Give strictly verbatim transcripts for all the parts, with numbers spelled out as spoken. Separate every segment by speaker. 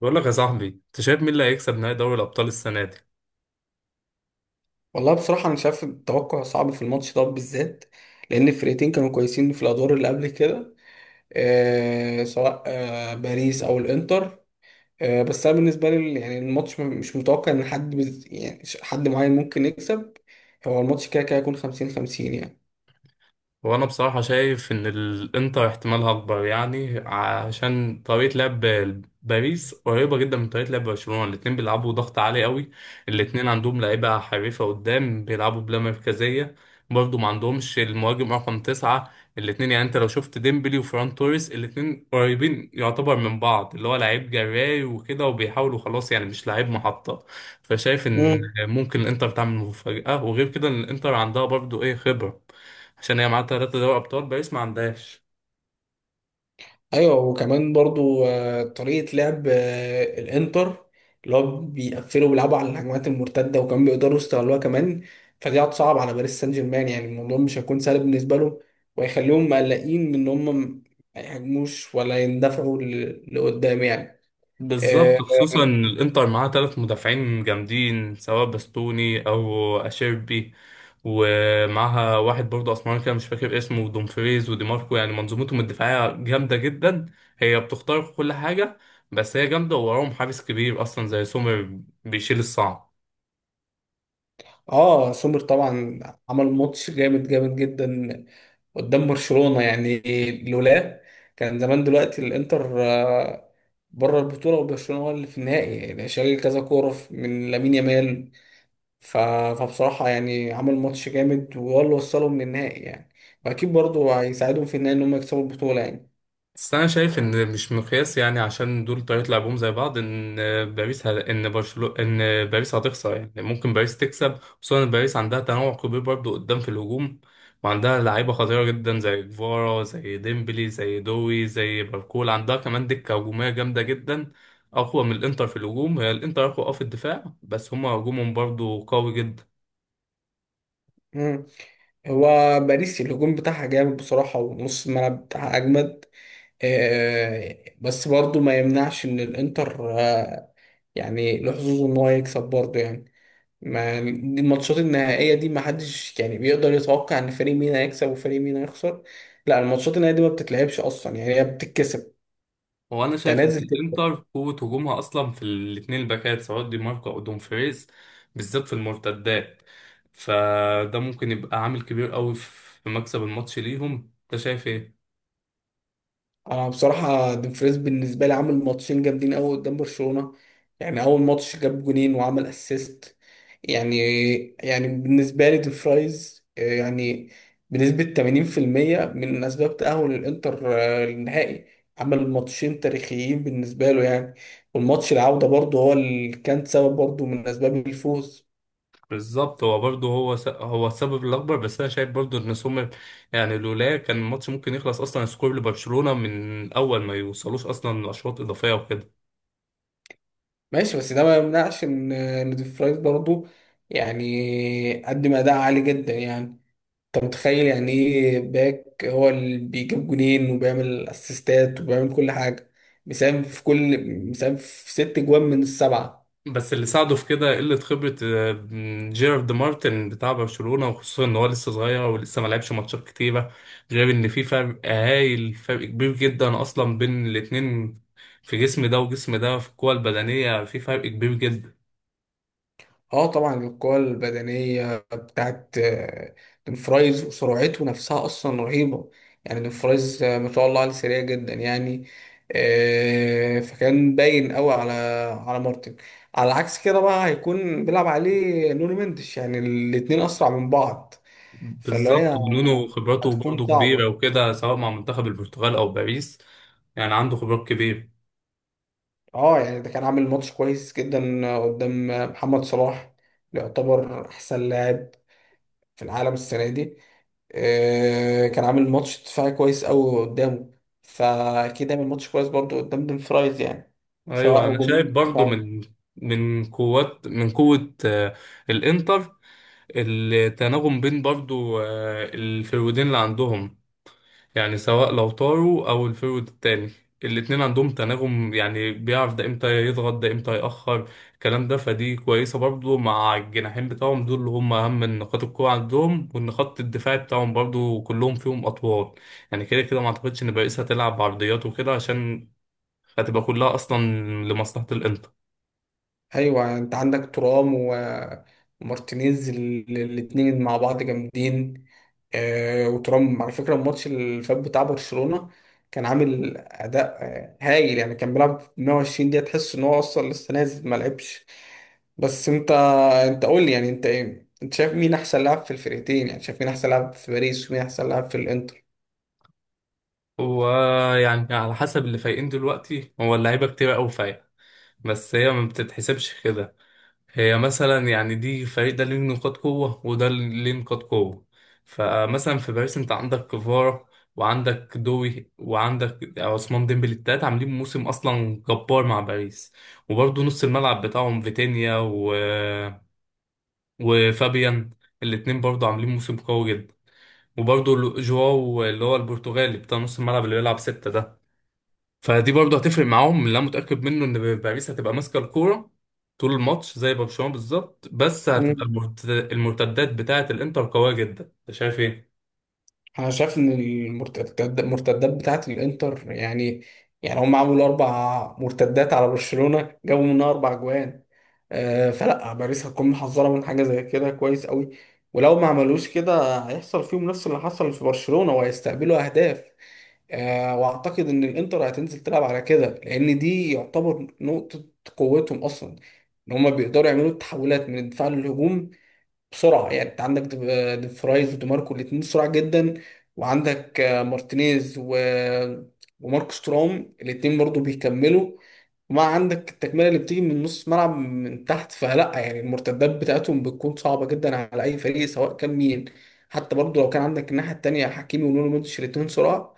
Speaker 1: بقول لك يا صاحبي، انت شايف مين اللي هيكسب نهائي دوري الابطال السنه دي؟
Speaker 2: والله بصراحة أنا شايف التوقع صعب في الماتش ده بالذات، لأن الفرقتين كانوا كويسين في الأدوار اللي قبل كده. آه سواء آه باريس أو الإنتر. آه بس أنا بالنسبة لي يعني الماتش م- مش متوقع إن حد بز... يعني ش- حد معين ممكن يكسب. هو الماتش كده كده هيكون خمسين خمسين.
Speaker 1: وانا بصراحة شايف ان الانتر احتمالها اكبر، يعني عشان طريقة لعب باريس قريبة جدا من طريقة لعب برشلونة. الاتنين بيلعبوا ضغط عالي قوي. الاتنين عندهم لعيبة حريفة قدام بيلعبوا بلا مركزية. برضه ما عندهمش المهاجم رقم تسعة. الاتنين يعني انت لو شفت ديمبلي وفران توريس، الاتنين قريبين يعتبر من بعض، اللي هو لعيب جراي وكده وبيحاولوا خلاص، يعني مش لعيب محطة. فشايف ان
Speaker 2: يعني،
Speaker 1: ممكن الانتر تعمل مفاجأة. وغير كده إن الانتر عندها برضه ايه خبرة، عشان هي معاها ثلاثة دوري أبطال، باريس ما عندهاش.
Speaker 2: ايوه، وكمان برضو آه، طريقه لعب آه، الانتر، اللي هو بيقفلوا بيلعبوا على الهجمات المرتده، وكمان بيقدروا يستغلوها كمان. فدي هتصعب على باريس سان جيرمان، يعني الموضوع مش هيكون سهل بالنسبه لهم. وهيخليهم مقلقين من ان هم ما يهاجموش ولا يندفعوا ل- لقدام يعني. آه،
Speaker 1: بالظبط، خصوصا إن الإنتر معاها ثلاث مدافعين جامدين، سواء باستوني أو أشيربي. ومعاها واحد برضه أسمراني كده، مش فاكر اسمه، ودومفريز ودي ماركو. يعني منظومتهم الدفاعية جامدة جدا. هي بتخترق كل حاجة. بس هي جامدة، ووراهم حارس كبير أصلا زي سومر بيشيل الصعب.
Speaker 2: اه، سومر طبعا عمل ماتش جامد جامد جدا قدام برشلونة، يعني لولا، كان زمان دلوقتي الانتر آه، بره البطولة، وبرشلونة هو اللي في النهائي، يعني شال كذا كورة ف- من لامين يامال. ف- فبصراحة يعني عمل ماتش جامد وهو اللي وصلهم للنهائي يعني. واكيد برضه هيساعدهم في النهائي ان هم يكسبوا البطولة يعني.
Speaker 1: بس انا شايف ان مش مقياس، يعني عشان دول طريقة لعبهم زي بعض. ان باريس ه... ان برشلونة ان باريس هتخسر، يعني ممكن باريس تكسب. خصوصا ان باريس عندها تنوع كبير برضو قدام في الهجوم، وعندها لعيبة خطيرة جدا، زي كفارا زي ديمبلي زي دوي زي باركول. عندها كمان دكة هجومية جامدة جدا، اقوى من الانتر في الهجوم. هي الانتر اقوى اه في الدفاع، بس هما هجومهم برضو قوي جدا.
Speaker 2: مم. هو باريس الهجوم بتاعها جامد بصراحة، ونص الملعب بتاعها أجمد. آه، بس برضو ما يمنعش ان الانتر آه، يعني له حظوظ ان هو يكسب برضو يعني. ما دي الماتشات النهائية دي ما حدش يعني بيقدر يتوقع ان فريق مين هيكسب وفريق مين هيخسر. لا، الماتشات النهائية دي ما بتتلعبش اصلا، يعني هي بتتكسب.
Speaker 1: هو انا شايف ان
Speaker 2: تنازل.
Speaker 1: الانتر قوه هجومها اصلا في الاثنين الباكات، سواء دي ماركو او دومفريز، بالذات في المرتدات. فده ممكن يبقى عامل كبير قوي في مكسب الماتش ليهم. انت شايف ايه؟
Speaker 2: انا بصراحه دومفريز بالنسبه لي عامل ماتشين جامدين قوي قدام برشلونه. يعني اول ماتش جاب جونين وعمل اسيست يعني يعني بالنسبه لي دومفريز آه، يعني بنسبه ثمانين بالمية من اسباب تاهل الانتر آه، للنهائي. عمل ماتشين تاريخيين بالنسبه له يعني. والماتش العوده برضه هو اللي كان سبب برضه من اسباب الفوز.
Speaker 1: بالظبط. هو برضه هو س... هو السبب الاكبر. بس انا شايف برضه ان سومر، يعني لولا، كان الماتش ممكن يخلص اصلا سكور لبرشلونه، من اول ما يوصلوش اصلا لاشواط اضافيه وكده.
Speaker 2: ماشي، بس ده ما يمنعش ان آه، إن دومفريز برضه يعني قدم اداء عالي جدا يعني. انت متخيل يعني ايه باك هو اللي بيجيب جونين وبيعمل اسيستات وبيعمل كل حاجه؟ مساهم في كل مساهم في ست جوان من السبعه.
Speaker 1: بس اللي ساعده في كده قلة خبرة آه، جيرارد مارتن بتاع برشلونة، وخصوصا ان هو لسه صغير ولسه ما لعبش ماتشات كتيرة. غير ان في فرق هايل، فرق كبير جدا اصلا بين الاتنين، في جسم ده وجسم ده، في القوة البدنية في فرق كبير جدا.
Speaker 2: اه طبعا، القوة البدنية بتاعت آه، دونفرايز وسرعته نفسها اصلا رهيبة. يعني دونفرايز آه، ما شاء الله عليه سريع جدا يعني. آه، فكان باين قوي على على مارتن. على عكس كده بقى، هيكون بيلعب عليه نونو مندش، يعني الاتنين اسرع من بعض. فاللي
Speaker 1: بالظبط،
Speaker 2: هي
Speaker 1: ونونو خبراته
Speaker 2: هتكون
Speaker 1: برضه كبيرة
Speaker 2: صعبة.
Speaker 1: وكده، سواء مع منتخب البرتغال او باريس. يعني عنده خبرات كبيرة.
Speaker 2: اه، يعني ده كان عامل ماتش كويس جدا قدام محمد صلاح، يعتبر احسن لاعب في العالم السنة دي. آه، كان عامل ماتش دفاعي كويس قوي قدامه، فأكيد عامل ماتش كويس برضه قدام دون فرايز، يعني
Speaker 1: ايوه،
Speaker 2: سواء
Speaker 1: انا
Speaker 2: هجومي
Speaker 1: شايف
Speaker 2: أو
Speaker 1: برضه
Speaker 2: دفاعي.
Speaker 1: من من قوات من قوة آه، الانتر. التناغم بين برضو آه، الفرويدين اللي عندهم، يعني سواء لو طاروا او الفرويد التاني، الاتنين عندهم تناغم. يعني بيعرف ده امتى يضغط، ده امتى يأخر الكلام ده. فدي كويسة برضو مع الجناحين بتاعهم دول، اللي هم اهم من نقاط القوة عندهم، وان خط الدفاع بتاعهم برضو كلهم فيهم اطوال. يعني كده كده ما اعتقدش ان باريس هتلعب بعرضيات وكده، عشان هتبقى كلها اصلا لمصلحة الانتر.
Speaker 2: ايوه، انت عندك ترام و- ومارتينيز، ال- الاتنين مع بعض جامدين. آه، وترام على فكره الماتش اللي فات بتاع برشلونه كان عامل اداء آه، هايل، يعني كان بيلعب 120 دقيقه تحس ان هو اصلا لسه نازل ما لعبش. بس انت انت قول لي يعني انت ايه؟ انت شايف مين احسن لاعب في الفرقتين، يعني شايف مين احسن لاعب في باريس ومين احسن لاعب في
Speaker 1: ويعني على حسب اللي فايقين دلوقتي، هو اللعيبة كتير قوي فايقة، بس هي ما بتتحسبش كده. هي مثلا يعني، دي فريق ده ليه نقاط قوة وده ليه نقاط قوة. فمثلا في باريس انت عندك كفارة، وعندك دوي، وعندك عثمان ديمبلي. التلاتة عاملين موسم اصلا جبار مع باريس. وبرضه نص الملعب بتاعهم فيتينيا و... وفابيان، الاتنين برضه عاملين موسم قوي جدا. وبرضه لو- جواو اللي هو البرتغالي بتاع نص الملعب اللي بيلعب ستة ده، فدي برضه هتفرق معاهم. اللي انا متاكد منه ان باريس هتبقى ماسكه الكوره طول الماتش زي برشلونه بالظبط، بس
Speaker 2: الانتر؟
Speaker 1: هتبقى المرت- المرتدات بتاعه الانتر قويه جدا. انت شايف ايه؟
Speaker 2: انا شايف ان المرتدات المرتدات بتاعت الانتر، يعني يعني هم عملوا اربع مرتدات على برشلونة جابوا منها اربع جوان. آه، فلا باريس هتكون محذرة من حاجة زي كده كويس قوي، ولو ما عملوش كده هيحصل فيهم نفس اللي حصل في برشلونة وهيستقبلوا اهداف. آه، واعتقد ان الانتر هتنزل تلعب على كده، لان دي يعتبر نقطة قوتهم اصلا، ان هم بيقدروا يعملوا التحولات من الدفاع للهجوم بسرعه. يعني انت عندك دي- ديفرايز وديماركو الاثنين سرعه جدا، وعندك آه، مارتينيز و... وماركوس تورام الاثنين برضو بيكملوا. وما عندك التكمله اللي بتيجي من نص ملعب من تحت، فلا يعني المرتدات بتاعتهم بتكون صعبه جدا على اي فريق سواء كان مين. حتى برضو لو كان عندك الناحيه التانيه حكيمي ونونو مودريتش الاثنين سرعه.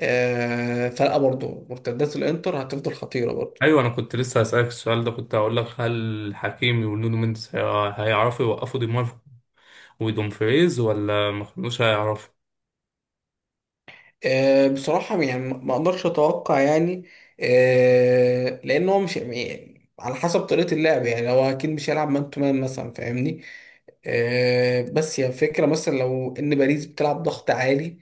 Speaker 2: آه، فلا برضو مرتدات الانتر هتفضل خطيره برضو.
Speaker 1: ايوه، انا كنت لسه هسالك السؤال ده. كنت هقول لك هل حكيمي ونونو مينديز هي- هيعرفوا يوقفوا دي ماركو ودومفريز، ولا ما كانوش هيعرفوا؟
Speaker 2: آه، بصراحة يعني ما ما اقدرش اتوقع يعني. آه، لان هو مش يعني على حسب طريقة اللعب، يعني هو اكيد مش هيلعب مان تو مان مثلا، فاهمني. آه، بس هي فكرة، مثلا لو ان باريس بتلعب ضغط عالي،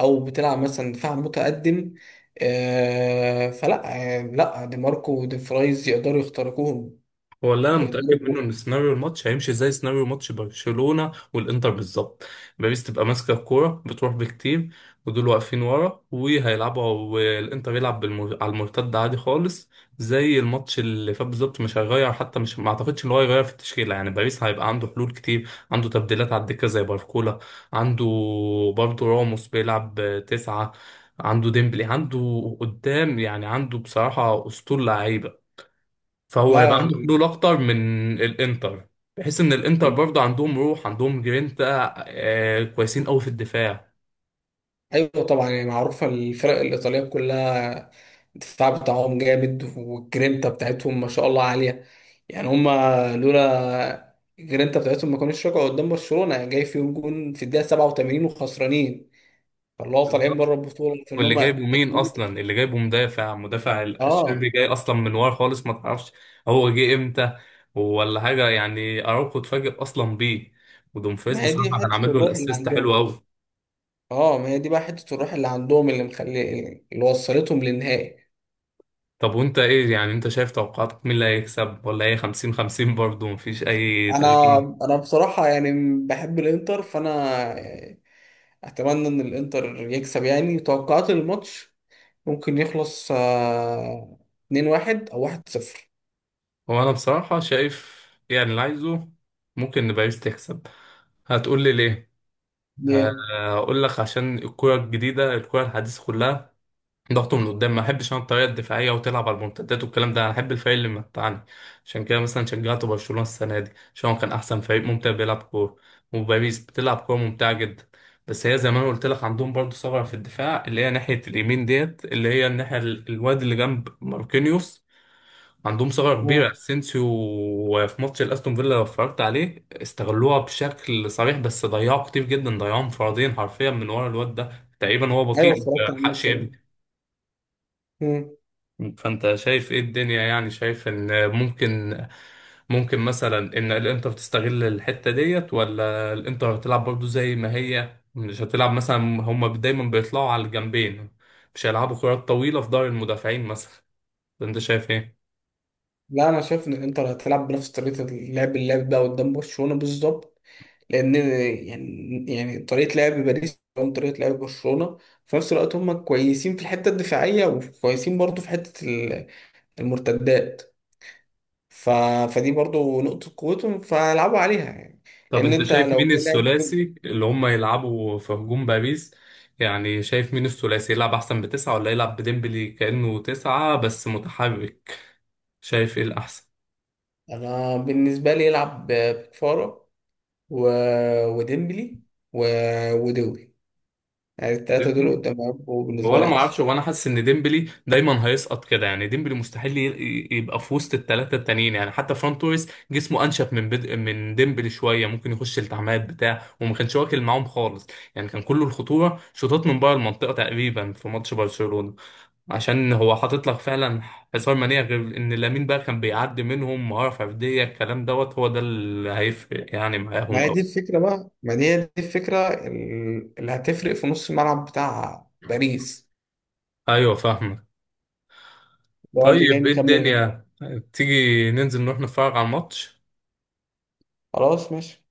Speaker 2: او بتلعب مثلا دفاع متقدم، آه، فلا، آه، لا دي ماركو ودي فرايز يقدروا يخترقوهم،
Speaker 1: هو اللي انا متاكد منه ان
Speaker 2: ويقدروا.
Speaker 1: سيناريو الماتش هيمشي زي سيناريو ماتش برشلونه والانتر بالظبط. باريس تبقى ماسكه الكوره بتروح بكتير، ودول واقفين ورا وهيلعبوا، والانتر يلعب بالمر... على المرتد عادي خالص، زي الماتش اللي فات بالظبط. مش هيغير حتى، مش ما اعتقدش ان هو هيغير في التشكيله. يعني باريس هيبقى عنده حلول كتير، عنده تبديلات على الدكه زي باركولا، عنده برضه راموس بيلعب تسعه، عنده ديمبلي، عنده قدام. يعني عنده بصراحه اسطول لعيبه. فهو هيبقى
Speaker 2: لا،
Speaker 1: عنده حلول اكتر من الانتر، بحيث ان الانتر برضه عندهم روح، عندهم جرينتا آه كويسين قوي في الدفاع.
Speaker 2: ايوه طبعا، يعني معروفه الفرق الايطاليه كلها الدفاع بتاعهم جامد، والجرينتا بتاعتهم ما شاء الله عاليه، يعني هما لولا الجرينتا بتاعتهم ما كانوش رجعوا قدام برشلونه، يعني جاي فيهم جون في الدقيقه سبعة وثمانين وخسرانين. فاللي هو طالعين بره
Speaker 1: بالظبط.
Speaker 2: البطوله في ان
Speaker 1: واللي جايبه
Speaker 2: هما.
Speaker 1: مين اصلا؟ اللي جايبه مدافع مدافع
Speaker 2: اه،
Speaker 1: الشربي، جاي اصلا من ورا خالص ما تعرفش هو جه امتى ولا حاجه. يعني اراوخو اتفاجئ اصلا بيه. ودومفريز
Speaker 2: ما هي دي
Speaker 1: بصراحه كان
Speaker 2: حته
Speaker 1: عامل له
Speaker 2: الروح اللي
Speaker 1: الاسيست حلو
Speaker 2: عندهم.
Speaker 1: قوي.
Speaker 2: اه، ما هي دي بقى حته الروح اللي عندهم اللي مخلي، اللي وصلتهم للنهائي.
Speaker 1: طب وانت ايه؟ يعني انت شايف توقعاتك مين اللي هيكسب، ولا هي خمسين خمسين برضه مفيش اي
Speaker 2: انا
Speaker 1: تغيير؟
Speaker 2: انا بصراحه يعني بحب الانتر، فانا اتمنى ان الانتر يكسب، يعني توقعات الماتش ممكن يخلص آه، اثنين واحد او واحد صفر.
Speaker 1: هو انا بصراحة شايف، يعني اللي عايزه، ممكن ان باريس تكسب. هتقول لي ليه؟ ه-
Speaker 2: yeah.
Speaker 1: هقول لك عشان الكرة الجديدة، الكرة الحديثة كلها ضغط من قدام. ما احبش انا الطريقة الدفاعية وتلعب على المنتدات والكلام ده. انا احب الفريق اللي متعني. عشان كده مثلا شجعت برشلونة السنة دي، عشان هو كان احسن فريق ممتع بيلعب كورة. وباريس بتلعب كورة ممتعة جدا. بس هي زي ما انا قلت لك، عندهم برضه ثغرة في الدفاع، اللي هي ناحية اليمين ديت، اللي هي الناحية ال- الواد اللي جنب ماركينيوس. عندهم ثغرة كبيرة،
Speaker 2: مم.
Speaker 1: اسينسيو. وفي ماتش الاستون فيلا لو اتفرجت عليه، استغلوها بشكل صريح، بس ضيعوا كتير جدا، ضيعوا انفرادين حرفيا من ورا الواد ده. تقريبا هو
Speaker 2: ايوه،
Speaker 1: بطيء ما
Speaker 2: اتفرجت على
Speaker 1: لحقش
Speaker 2: الماتش ده.
Speaker 1: يجري.
Speaker 2: مم.
Speaker 1: فانت شايف ايه الدنيا؟ يعني شايف ان ممكن ممكن مثلا ان الانتر تستغل الحتة ديت، ولا الانتر هتلعب برضو زي ما هي؟ مش هتلعب مثلا، هما دايما بيطلعوا على الجنبين، مش هيلعبوا كرات طويلة في ظهر المدافعين مثلا. انت شايف ايه؟
Speaker 2: لا، انا شايف ان الانتر هتلعب بنفس طريقه اللعب اللي لعب بقى قدام برشلونه بالظبط، لان يعني يعني طريقه لعب باريس قدام طريقه لعب برشلونه، في نفس الوقت هم كويسين في الحته الدفاعيه وكويسين برضو في حته ال- المرتدات. ف... فدي برضو نقطه قوتهم، فهيلعبوا عليها يعني.
Speaker 1: طب
Speaker 2: لان
Speaker 1: انت
Speaker 2: انت
Speaker 1: شايف
Speaker 2: لو
Speaker 1: مين
Speaker 2: جاي لاعب،
Speaker 1: الثلاثي اللي هم يلعبوا في هجوم باريس؟ يعني شايف مين الثلاثي يلعب احسن، بتسعة، ولا يلعب بديمبلي كأنه تسعة بس متحرك؟ شايف ايه
Speaker 2: انا بالنسبه لي يلعب ب- بكفاره، و... وديمبلي، و... ودوي، يعني الثلاثه دول
Speaker 1: الاحسن؟
Speaker 2: قدام يبقوا
Speaker 1: هو
Speaker 2: بالنسبه
Speaker 1: انا
Speaker 2: لي
Speaker 1: ما
Speaker 2: احسن.
Speaker 1: اعرفش. هو انا حاسس ان ديمبلي دايما هيسقط كده، يعني ديمبلي مستحيل ي- يبقى في وسط الثلاثه التانيين. يعني حتى فران توريس جسمه انشف من بد... من ديمبلي شويه، ممكن يخش التعامات بتاع وما كانش واكل معاهم خالص. يعني كان كله الخطوره شوطات من بره المنطقه تقريبا في ماتش برشلونه، عشان هو حاطط لك فعلا حصار منيع. غير ان لامين بقى كان بيعدي منهم مهاره فرديه. الكلام دوت هو ده اللي هيفرق يعني
Speaker 2: ما
Speaker 1: معاهم
Speaker 2: هي دي
Speaker 1: قوي.
Speaker 2: الفكره بقى، ما دي هي دي الفكره ال- اللي هتفرق في نص الملعب بتاع باريس،
Speaker 1: ايوه فاهمك.
Speaker 2: اللي هو اللي جاي
Speaker 1: طيب ايه
Speaker 2: مكمل منه.
Speaker 1: الدنيا؟ طيب، تيجي ننزل نروح نتفرج على الماتش.
Speaker 2: خلاص ماشي.